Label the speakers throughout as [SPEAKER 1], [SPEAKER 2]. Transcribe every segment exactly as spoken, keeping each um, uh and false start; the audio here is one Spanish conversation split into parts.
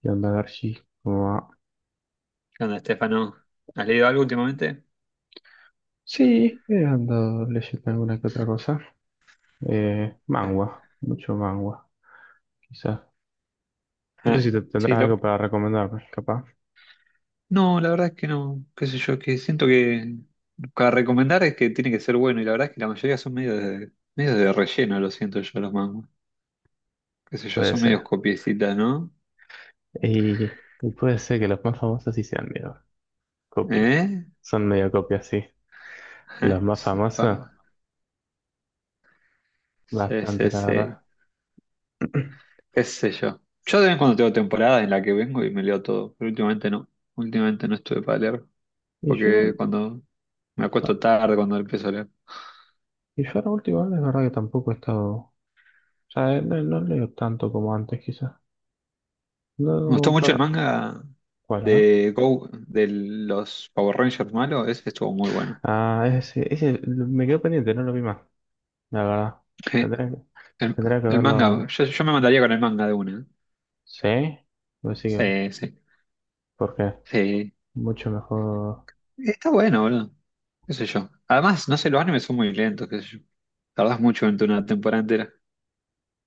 [SPEAKER 1] ¿Qué onda, Garchi? ¿Cómo va?
[SPEAKER 2] ¿Qué onda, Estefano? ¿Has leído algo últimamente?
[SPEAKER 1] Sí, he andado leyendo alguna que otra cosa. Eh, mangua, mucho mangua, quizás. No sé
[SPEAKER 2] Ah,
[SPEAKER 1] si te
[SPEAKER 2] sí,
[SPEAKER 1] tendrás
[SPEAKER 2] lo-
[SPEAKER 1] algo para recomendarme, capaz.
[SPEAKER 2] no, la verdad es que no, qué sé yo, que siento que para recomendar es que tiene que ser bueno y la verdad es que la mayoría son medio de, medio de relleno, lo siento yo, los mangos. Qué sé yo,
[SPEAKER 1] Puede
[SPEAKER 2] son medios
[SPEAKER 1] ser.
[SPEAKER 2] copiecitas, ¿no?
[SPEAKER 1] Y, y puede ser que los más famosos sí sean medio copias.
[SPEAKER 2] ¿Eh?
[SPEAKER 1] Son medio copias, sí.
[SPEAKER 2] Ah,
[SPEAKER 1] Los más
[SPEAKER 2] sí,
[SPEAKER 1] famosos,
[SPEAKER 2] pa- sí,
[SPEAKER 1] bastante,
[SPEAKER 2] sí,
[SPEAKER 1] la
[SPEAKER 2] sí,
[SPEAKER 1] verdad.
[SPEAKER 2] qué sé yo. Yo de vez en cuando tengo temporadas en la que vengo y me leo todo, pero últimamente no, últimamente no estuve para leer,
[SPEAKER 1] Y yo
[SPEAKER 2] porque
[SPEAKER 1] igual,
[SPEAKER 2] cuando me
[SPEAKER 1] no,
[SPEAKER 2] acuesto tarde, cuando empiezo a leer.
[SPEAKER 1] y yo ahora último, es verdad que tampoco he estado, o sea, eh, no, no leo tanto como antes, quizás.
[SPEAKER 2] Me gustó
[SPEAKER 1] No,
[SPEAKER 2] mucho el
[SPEAKER 1] pero,
[SPEAKER 2] manga
[SPEAKER 1] ¿cuál, eh?
[SPEAKER 2] de Go, de los Power Rangers malos, ese estuvo muy bueno.
[SPEAKER 1] Ah, ese, ese lo- me quedó pendiente, no lo vi más, la verdad.
[SPEAKER 2] Je.
[SPEAKER 1] Tendré, que-
[SPEAKER 2] El,
[SPEAKER 1] tendría que
[SPEAKER 2] el manga,
[SPEAKER 1] verlo.
[SPEAKER 2] yo, yo me mandaría con el manga de una.
[SPEAKER 1] ¿Sí? Pues sí,
[SPEAKER 2] Sí, sí,
[SPEAKER 1] porque
[SPEAKER 2] sí.
[SPEAKER 1] mucho mejor.
[SPEAKER 2] Está bueno, boludo. Qué sé yo. Además, no sé, los animes son muy lentos, qué sé yo. Tardás mucho en una temporada entera.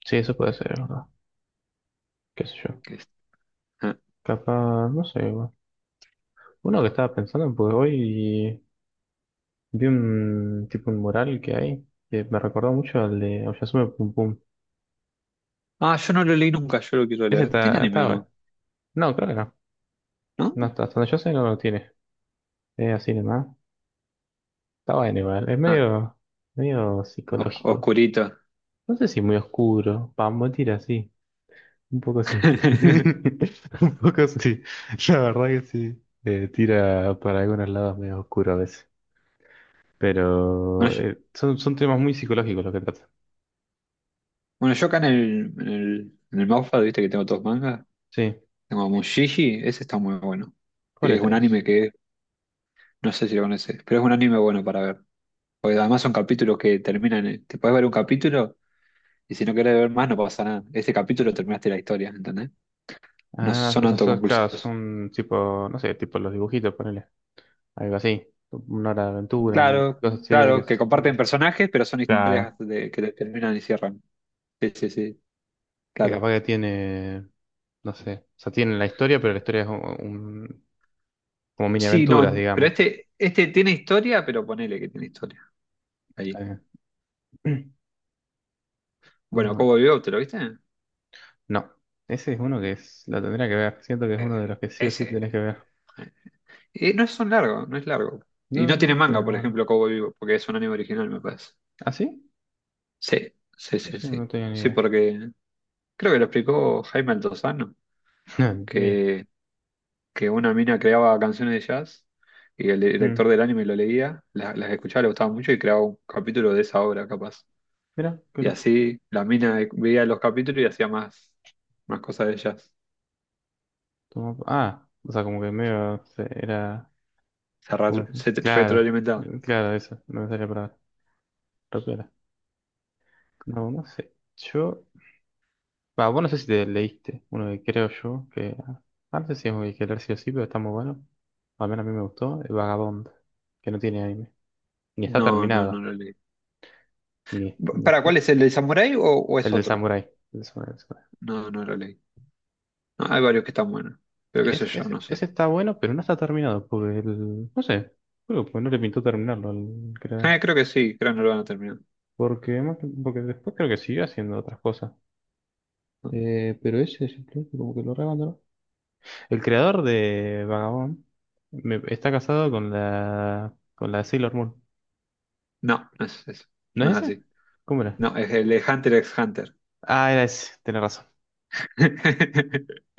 [SPEAKER 1] Sí, eso puede ser, es, ¿verdad? ¿Qué sé yo?
[SPEAKER 2] Que es- Ah.
[SPEAKER 1] Capaz, no sé. Bueno. Uno que estaba pensando, pues hoy vi un tipo un mural que hay que me recordó mucho al de Oyasume Pum Pum.
[SPEAKER 2] Ah, yo no lo leí nunca, yo lo quiero
[SPEAKER 1] Ese
[SPEAKER 2] leer.
[SPEAKER 1] está,
[SPEAKER 2] ¿Tiene anime o
[SPEAKER 1] está bueno.
[SPEAKER 2] no?
[SPEAKER 1] No, creo que no.
[SPEAKER 2] ¿No?
[SPEAKER 1] No, hasta hasta donde yo sé no lo tiene. Es así nomás. Está bueno igual. Es
[SPEAKER 2] Ah,
[SPEAKER 1] medio, medio
[SPEAKER 2] os-
[SPEAKER 1] psicológico.
[SPEAKER 2] oscurito.
[SPEAKER 1] No sé si muy oscuro. Pambo tira, sí. Un poco sí. Un poco sí. La verdad que sí. Eh, tira para algunos lados medio oscuro a veces.
[SPEAKER 2] Bueno,
[SPEAKER 1] Pero
[SPEAKER 2] yo,
[SPEAKER 1] eh, son, son temas muy psicológicos los que trata.
[SPEAKER 2] bueno, yo acá en el, en el, en el Wattpad, viste que tengo todos mangas.
[SPEAKER 1] Sí.
[SPEAKER 2] Tengo Mushishi, ese está muy bueno.
[SPEAKER 1] ¿Cuál
[SPEAKER 2] Es
[SPEAKER 1] era
[SPEAKER 2] un anime
[SPEAKER 1] eso?
[SPEAKER 2] que, no sé si lo conoces, pero es un anime bueno para ver. Porque además son capítulos que terminan, en- te puedes ver un capítulo y si no querés ver más no pasa nada. Este capítulo terminaste la historia, ¿entendés? No
[SPEAKER 1] Ah,
[SPEAKER 2] son
[SPEAKER 1] o sea, son, claro,
[SPEAKER 2] autoconclusivos.
[SPEAKER 1] son tipo, no sé, tipo los dibujitos, ponele. Algo así. Una hora de aventura, un-
[SPEAKER 2] Claro,
[SPEAKER 1] cosas así que...
[SPEAKER 2] claro, que comparten
[SPEAKER 1] un-
[SPEAKER 2] personajes, pero son historias
[SPEAKER 1] Claro.
[SPEAKER 2] de- que terminan y cierran. Sí, sí, sí,
[SPEAKER 1] Que
[SPEAKER 2] claro.
[SPEAKER 1] capaz que tiene, no sé. O sea, tiene la historia, pero la historia es un, un- como mini
[SPEAKER 2] Sí,
[SPEAKER 1] aventuras,
[SPEAKER 2] no, pero
[SPEAKER 1] digamos.
[SPEAKER 2] este, este tiene historia, pero ponele que tiene historia. Ahí.
[SPEAKER 1] Mm.
[SPEAKER 2] Bueno,
[SPEAKER 1] No,
[SPEAKER 2] Cowboy Bebop, ¿te lo viste?
[SPEAKER 1] no. Ese es uno que es, lo tendría que ver. Siento que es uno de
[SPEAKER 2] Eh,
[SPEAKER 1] los que sí o sí
[SPEAKER 2] ese.
[SPEAKER 1] tenés que ver.
[SPEAKER 2] Eh, no es tan largo, no es largo. Y
[SPEAKER 1] No,
[SPEAKER 2] no tiene
[SPEAKER 1] no,
[SPEAKER 2] manga,
[SPEAKER 1] pero
[SPEAKER 2] por
[SPEAKER 1] bueno.
[SPEAKER 2] ejemplo, Cowboy Vivo, porque es un anime original, me parece.
[SPEAKER 1] ¿Ah, sí?
[SPEAKER 2] Sí, sí, sí,
[SPEAKER 1] Eso no
[SPEAKER 2] sí.
[SPEAKER 1] tenía ni
[SPEAKER 2] Sí,
[SPEAKER 1] idea.
[SPEAKER 2] porque creo que lo explicó Jaime Altozano,
[SPEAKER 1] No, ni idea.
[SPEAKER 2] que, que una mina creaba canciones de jazz y el
[SPEAKER 1] Mm.
[SPEAKER 2] director del anime lo leía, la- las, escuchaba, le gustaba mucho y creaba un capítulo de esa obra, capaz.
[SPEAKER 1] Mira, qué
[SPEAKER 2] Y
[SPEAKER 1] loco.
[SPEAKER 2] así la mina veía los capítulos y hacía más, más cosas de jazz.
[SPEAKER 1] Toma- Ah, o sea, como que medio se- era.
[SPEAKER 2] Se, ra-
[SPEAKER 1] ¿Cómo decir?
[SPEAKER 2] se
[SPEAKER 1] Claro,
[SPEAKER 2] retroalimentaban.
[SPEAKER 1] mm, claro, eso. No me salía para rápida. No, no sé. Yo. Va, vos no sé si te leíste uno que creo yo que. Ah, no sé si es muy que leer sí o sí, pero está muy bueno. Al menos a mí me gustó. El Vagabond, que no tiene anime. Ni está
[SPEAKER 2] No, no, no
[SPEAKER 1] terminado.
[SPEAKER 2] lo leí.
[SPEAKER 1] Ni, ni
[SPEAKER 2] ¿Para
[SPEAKER 1] está-
[SPEAKER 2] cuál es el de Samurai o, o
[SPEAKER 1] El
[SPEAKER 2] es
[SPEAKER 1] del
[SPEAKER 2] otro?
[SPEAKER 1] Samurai. El del Samurai, el Samurai.
[SPEAKER 2] No, no lo leí. No, hay varios que están buenos. Pero qué sé
[SPEAKER 1] Ese,
[SPEAKER 2] yo,
[SPEAKER 1] ese-
[SPEAKER 2] no sé.
[SPEAKER 1] ese está bueno, pero no está terminado. Porque el. No sé. Creo que no le pintó terminarlo al creador.
[SPEAKER 2] Eh, creo que sí, creo que no lo van a terminar.
[SPEAKER 1] Porque, más que- porque después creo que siguió haciendo otras cosas.
[SPEAKER 2] No,
[SPEAKER 1] Eh, pero ese simplemente como que lo re abandonó. El creador de Vagabond me- está casado con la. con la Sailor Moon.
[SPEAKER 2] no no es eso.
[SPEAKER 1] ¿No
[SPEAKER 2] No es
[SPEAKER 1] es ese?
[SPEAKER 2] así.
[SPEAKER 1] ¿Cómo era?
[SPEAKER 2] No, es el de Hunter x Hunter.
[SPEAKER 1] Ah, era ese, tenés razón.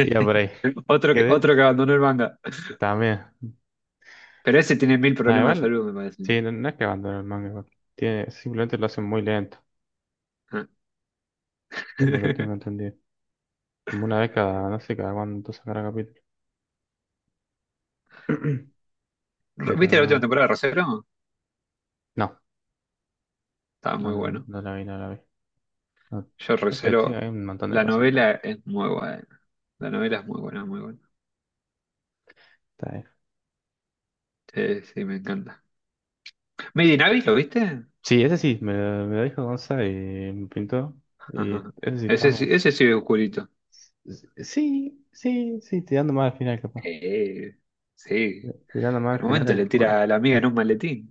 [SPEAKER 1] Iba por ahí.
[SPEAKER 2] Otro que,
[SPEAKER 1] Quedé
[SPEAKER 2] otro que abandonó el manga.
[SPEAKER 1] también.
[SPEAKER 2] Pero ese tiene mil
[SPEAKER 1] Nada,
[SPEAKER 2] problemas de
[SPEAKER 1] igual,
[SPEAKER 2] salud, me parece.
[SPEAKER 1] sí, no, no es que abandonen el manga, igual. Tiene, simplemente lo hacen muy lento,
[SPEAKER 2] Ah.
[SPEAKER 1] por lo que tengo entendido. Como una vez cada, no sé, cada cuánto sacará capítulo. Pero
[SPEAKER 2] ¿Viste la última
[SPEAKER 1] no,
[SPEAKER 2] temporada de Rosero?
[SPEAKER 1] no,
[SPEAKER 2] Estaba
[SPEAKER 1] no,
[SPEAKER 2] muy bueno.
[SPEAKER 1] no la vi, no la vi. No,
[SPEAKER 2] Yo
[SPEAKER 1] no sé, tío,
[SPEAKER 2] Rosero,
[SPEAKER 1] hay un montón de
[SPEAKER 2] la
[SPEAKER 1] cosas que están-
[SPEAKER 2] novela es muy buena. La novela es muy buena, muy buena.
[SPEAKER 1] está ahí.
[SPEAKER 2] Sí, sí, me encanta. Made in Abyss, ¿lo viste?
[SPEAKER 1] Sí, ese sí, me lo, me lo dijo Gonza y me pintó. Y
[SPEAKER 2] Ajá.
[SPEAKER 1] ese sí,
[SPEAKER 2] Ese sí,
[SPEAKER 1] estamos.
[SPEAKER 2] ese sí es oscurito.
[SPEAKER 1] Sí, sí, sí, tirando más al final, capaz.
[SPEAKER 2] Eh, sí.
[SPEAKER 1] Tirando
[SPEAKER 2] En
[SPEAKER 1] más al
[SPEAKER 2] un
[SPEAKER 1] final
[SPEAKER 2] momento
[SPEAKER 1] es
[SPEAKER 2] le tira
[SPEAKER 1] oscuro.
[SPEAKER 2] a la amiga en un maletín.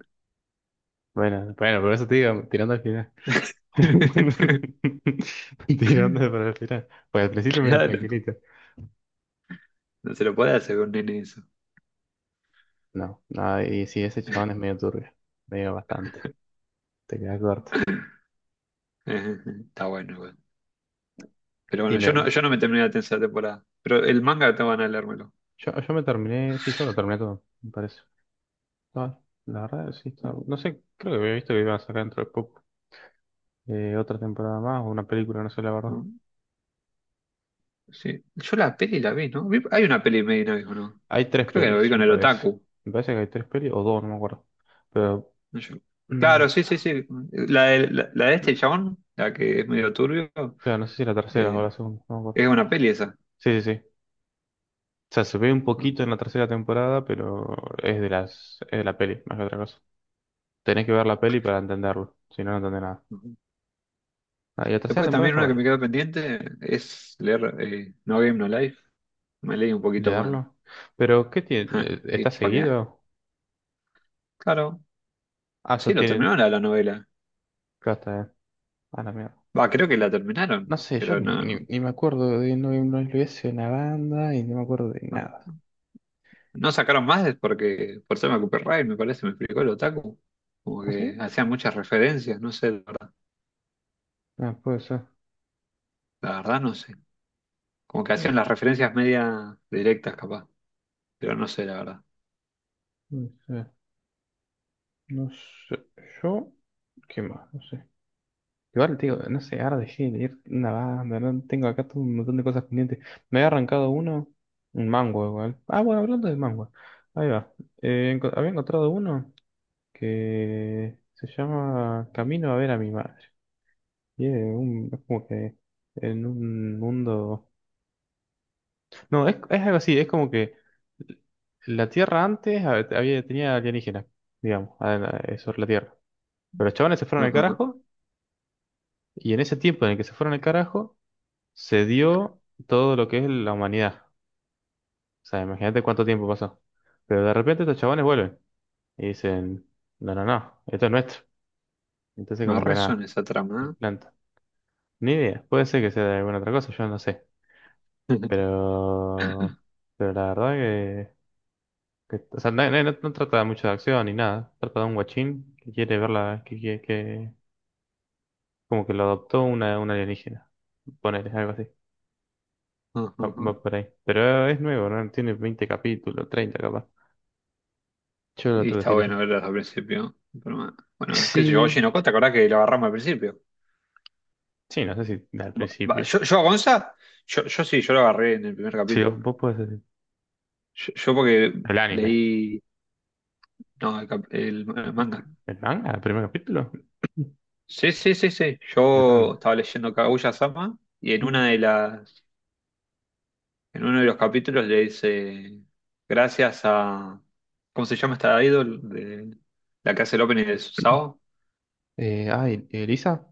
[SPEAKER 1] Bueno, bueno, por eso te digo, tirando al final. Tirando para el final. Pues al principio medio
[SPEAKER 2] Claro,
[SPEAKER 1] tranquilito.
[SPEAKER 2] no se lo puede hacer con nene eso.
[SPEAKER 1] No, no, y sí, ese chabón es medio turbio. Medio bastante. Te quedas corto.
[SPEAKER 2] Ajá, ajá. Está bueno igual. Pero
[SPEAKER 1] Y
[SPEAKER 2] bueno, yo no,
[SPEAKER 1] me,
[SPEAKER 2] yo no me terminé la tercera temporada. Pero el manga te van a leérmelo.
[SPEAKER 1] yo, yo me terminé, sí, yo lo terminé todo, me parece. No, la verdad, sí, está- no sé, creo que había visto que iban a sacar dentro de poco eh, otra temporada más o una película, no sé la verdad.
[SPEAKER 2] ¿No? Sí. Yo la peli la vi, ¿no? Vi- Hay una peli medio, ¿no? ¿No?
[SPEAKER 1] Hay tres
[SPEAKER 2] Creo que la vi
[SPEAKER 1] pelis,
[SPEAKER 2] con
[SPEAKER 1] me
[SPEAKER 2] el
[SPEAKER 1] parece.
[SPEAKER 2] otaku.
[SPEAKER 1] Me parece que hay tres pelis o dos, no me acuerdo. Pero,
[SPEAKER 2] No, yo-
[SPEAKER 1] mm,
[SPEAKER 2] claro, sí, sí, sí. La de, la, la de
[SPEAKER 1] no
[SPEAKER 2] este
[SPEAKER 1] sé,
[SPEAKER 2] chabón, la que es medio turbio,
[SPEAKER 1] claro, no sé si la tercera o
[SPEAKER 2] eh,
[SPEAKER 1] la segunda, no me
[SPEAKER 2] es
[SPEAKER 1] acuerdo.
[SPEAKER 2] una peli esa.
[SPEAKER 1] Sí, sí, sí. O sea, se ve un poquito en la tercera temporada, pero es de las, es de la peli, más que otra cosa. Tenés que ver la peli para entenderlo, si no, no entendés nada.
[SPEAKER 2] Ujú.
[SPEAKER 1] Ah, y la tercera
[SPEAKER 2] Después
[SPEAKER 1] temporada
[SPEAKER 2] también
[SPEAKER 1] está
[SPEAKER 2] una que
[SPEAKER 1] buena.
[SPEAKER 2] me quedó pendiente es leer eh, No Game No Life. Me leí un poquito más.
[SPEAKER 1] Leerlo. Pero, ¿qué tiene?
[SPEAKER 2] Ja.
[SPEAKER 1] Eh, ¿Está
[SPEAKER 2] Y para,
[SPEAKER 1] seguido?
[SPEAKER 2] claro,
[SPEAKER 1] Ah,
[SPEAKER 2] sí,
[SPEAKER 1] eso
[SPEAKER 2] lo
[SPEAKER 1] tiene.
[SPEAKER 2] terminaron la, la novela.
[SPEAKER 1] Claro, está bien. Ah, la mierda.
[SPEAKER 2] Va, creo que la terminaron,
[SPEAKER 1] No sé, yo
[SPEAKER 2] pero
[SPEAKER 1] ni, ni,
[SPEAKER 2] no,
[SPEAKER 1] ni me acuerdo de no, no lo hice una banda y no me acuerdo de nada.
[SPEAKER 2] no sacaron más es porque por tema copyright, me parece, me explicó el otaku. Como
[SPEAKER 1] ¿Ah,
[SPEAKER 2] que
[SPEAKER 1] sí?
[SPEAKER 2] hacían muchas referencias, no sé, la verdad,
[SPEAKER 1] Ah, puede ser.
[SPEAKER 2] la verdad no sé. Como que
[SPEAKER 1] Yo,
[SPEAKER 2] hacían las referencias media directas, capaz, pero no sé, la verdad.
[SPEAKER 1] no sé. No sé. Yo. ¿Qué más? No sé. Igual, tío, no sé, ahora dejé de leer una banda, ¿no? Tengo acá todo un montón de cosas pendientes. Me había arrancado uno, un manga igual. Ah, bueno, hablando de manga. Ahí va. Eh, enco- había encontrado uno que se llama Camino a ver a mi madre. Y es, un- es como que en un mundo... No, es, es algo así, es como que la Tierra antes hab- había, tenía alienígenas, digamos, a- a- sobre la Tierra. Pero los chavales se fueron al carajo, y en ese tiempo en el que se fueron al carajo se dio todo lo que es la humanidad. O sea, imagínate cuánto tiempo pasó. Pero de repente estos chabones vuelven y dicen, no, no, no, esto es nuestro. Entonces
[SPEAKER 2] Me
[SPEAKER 1] como que
[SPEAKER 2] resuena
[SPEAKER 1] nada,
[SPEAKER 2] esa
[SPEAKER 1] se
[SPEAKER 2] trama.
[SPEAKER 1] implanta. Ni idea, puede ser que sea de alguna otra cosa, yo no sé.
[SPEAKER 2] ¿Eh?
[SPEAKER 1] Pero, pero la verdad que, que- o sea, no, no- no no trata mucho de acción ni nada. Trata de un guachín que quiere verla, que, que, que como que lo adoptó una, una alienígena. Ponele, algo así. Va, va
[SPEAKER 2] Ujú.
[SPEAKER 1] por ahí. Pero es nuevo, ¿no? Tiene veinte capítulos, treinta capaz. Yo lo
[SPEAKER 2] Y
[SPEAKER 1] tuve
[SPEAKER 2] está
[SPEAKER 1] Silent
[SPEAKER 2] bueno
[SPEAKER 1] Hill.
[SPEAKER 2] verlas al principio. Pero, bueno, bueno, qué sé yo. Oye,
[SPEAKER 1] Sí,
[SPEAKER 2] no, ¿te acordás que lo agarramos al principio?
[SPEAKER 1] sí, no sé si al
[SPEAKER 2] Va- va,
[SPEAKER 1] principio.
[SPEAKER 2] Yo, yo a Gonza, yo, yo sí, yo lo agarré en el primer
[SPEAKER 1] Sí,
[SPEAKER 2] capítulo.
[SPEAKER 1] vos, vos podés decir.
[SPEAKER 2] Yo, yo porque
[SPEAKER 1] El anime.
[SPEAKER 2] leí no, el, cap- el ma- el manga.
[SPEAKER 1] ¿El manga? ¿El primer capítulo?
[SPEAKER 2] Sí, sí, sí, sí.
[SPEAKER 1] Qué grande.
[SPEAKER 2] Yo estaba leyendo Kaguya-sama y en una
[SPEAKER 1] Mm.
[SPEAKER 2] de las, en uno de los capítulos le dice gracias a ¿cómo se llama esta idol de la que hace el opening de Sao?
[SPEAKER 1] Eh, ay, ¿Elisa?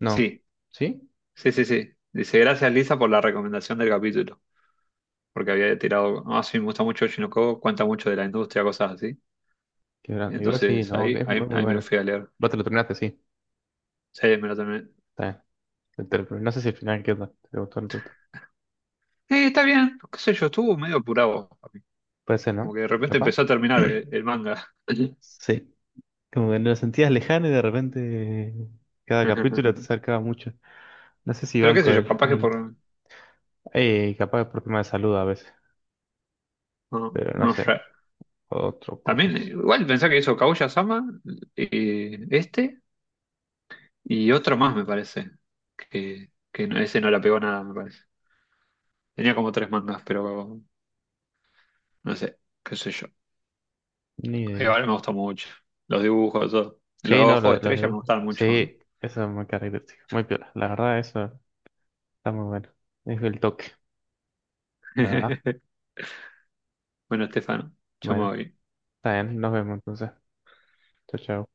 [SPEAKER 1] No.
[SPEAKER 2] Sí,
[SPEAKER 1] ¿Sí?
[SPEAKER 2] sí, sí, sí. Dice gracias Lisa por la recomendación del capítulo, porque había tirado, ah, sí, me gusta mucho Oshinoko, cuenta mucho de la industria, cosas así.
[SPEAKER 1] Qué grande. Igual sí,
[SPEAKER 2] Entonces
[SPEAKER 1] no, que
[SPEAKER 2] ahí,
[SPEAKER 1] es muy,
[SPEAKER 2] ahí,
[SPEAKER 1] muy
[SPEAKER 2] ahí me lo
[SPEAKER 1] bueno.
[SPEAKER 2] fui a leer.
[SPEAKER 1] Vos te lo terminaste, sí.
[SPEAKER 2] Sí, me lo terminé.
[SPEAKER 1] Está bien. Te- te lo termin- No sé si al final qué onda. ¿Te gustó o no te gustó?
[SPEAKER 2] Sí, está bien, qué sé yo, estuvo medio apurado.
[SPEAKER 1] Puede ser,
[SPEAKER 2] Como
[SPEAKER 1] ¿no?
[SPEAKER 2] que de repente
[SPEAKER 1] ¿Capaz?
[SPEAKER 2] empezó a terminar el, el manga.
[SPEAKER 1] Sí, como que lo sentías lejano y de repente... Cada capítulo te acercaba mucho. No sé si
[SPEAKER 2] Pero qué
[SPEAKER 1] banco
[SPEAKER 2] sé yo,
[SPEAKER 1] el
[SPEAKER 2] capaz que
[SPEAKER 1] final.
[SPEAKER 2] por...
[SPEAKER 1] Eh, capaz por tema de salud a veces,
[SPEAKER 2] No,
[SPEAKER 1] pero no
[SPEAKER 2] no
[SPEAKER 1] sé.
[SPEAKER 2] sé.
[SPEAKER 1] Otro
[SPEAKER 2] También, eh,
[SPEAKER 1] cocos.
[SPEAKER 2] igual pensá que hizo Kaguya-sama, eh, este, y otro más me parece. Que, que no- ese no la pegó nada, me parece. Tenía como tres mangas, pero no sé, qué sé yo.
[SPEAKER 1] Ni idea.
[SPEAKER 2] Igual me gustó mucho. Los dibujos, todo. Los
[SPEAKER 1] Sí, no,
[SPEAKER 2] ojos
[SPEAKER 1] lo-
[SPEAKER 2] de
[SPEAKER 1] los
[SPEAKER 2] estrella me
[SPEAKER 1] dibujos.
[SPEAKER 2] gustaron mucho, ¿no?
[SPEAKER 1] Sí, eso es muy característico. Muy piola. La verdad, eso está muy bueno. Es el toque. La verdad.
[SPEAKER 2] Bueno, Estefano, yo me
[SPEAKER 1] Bueno,
[SPEAKER 2] voy.
[SPEAKER 1] está bien. Nos vemos entonces. Chao, chao.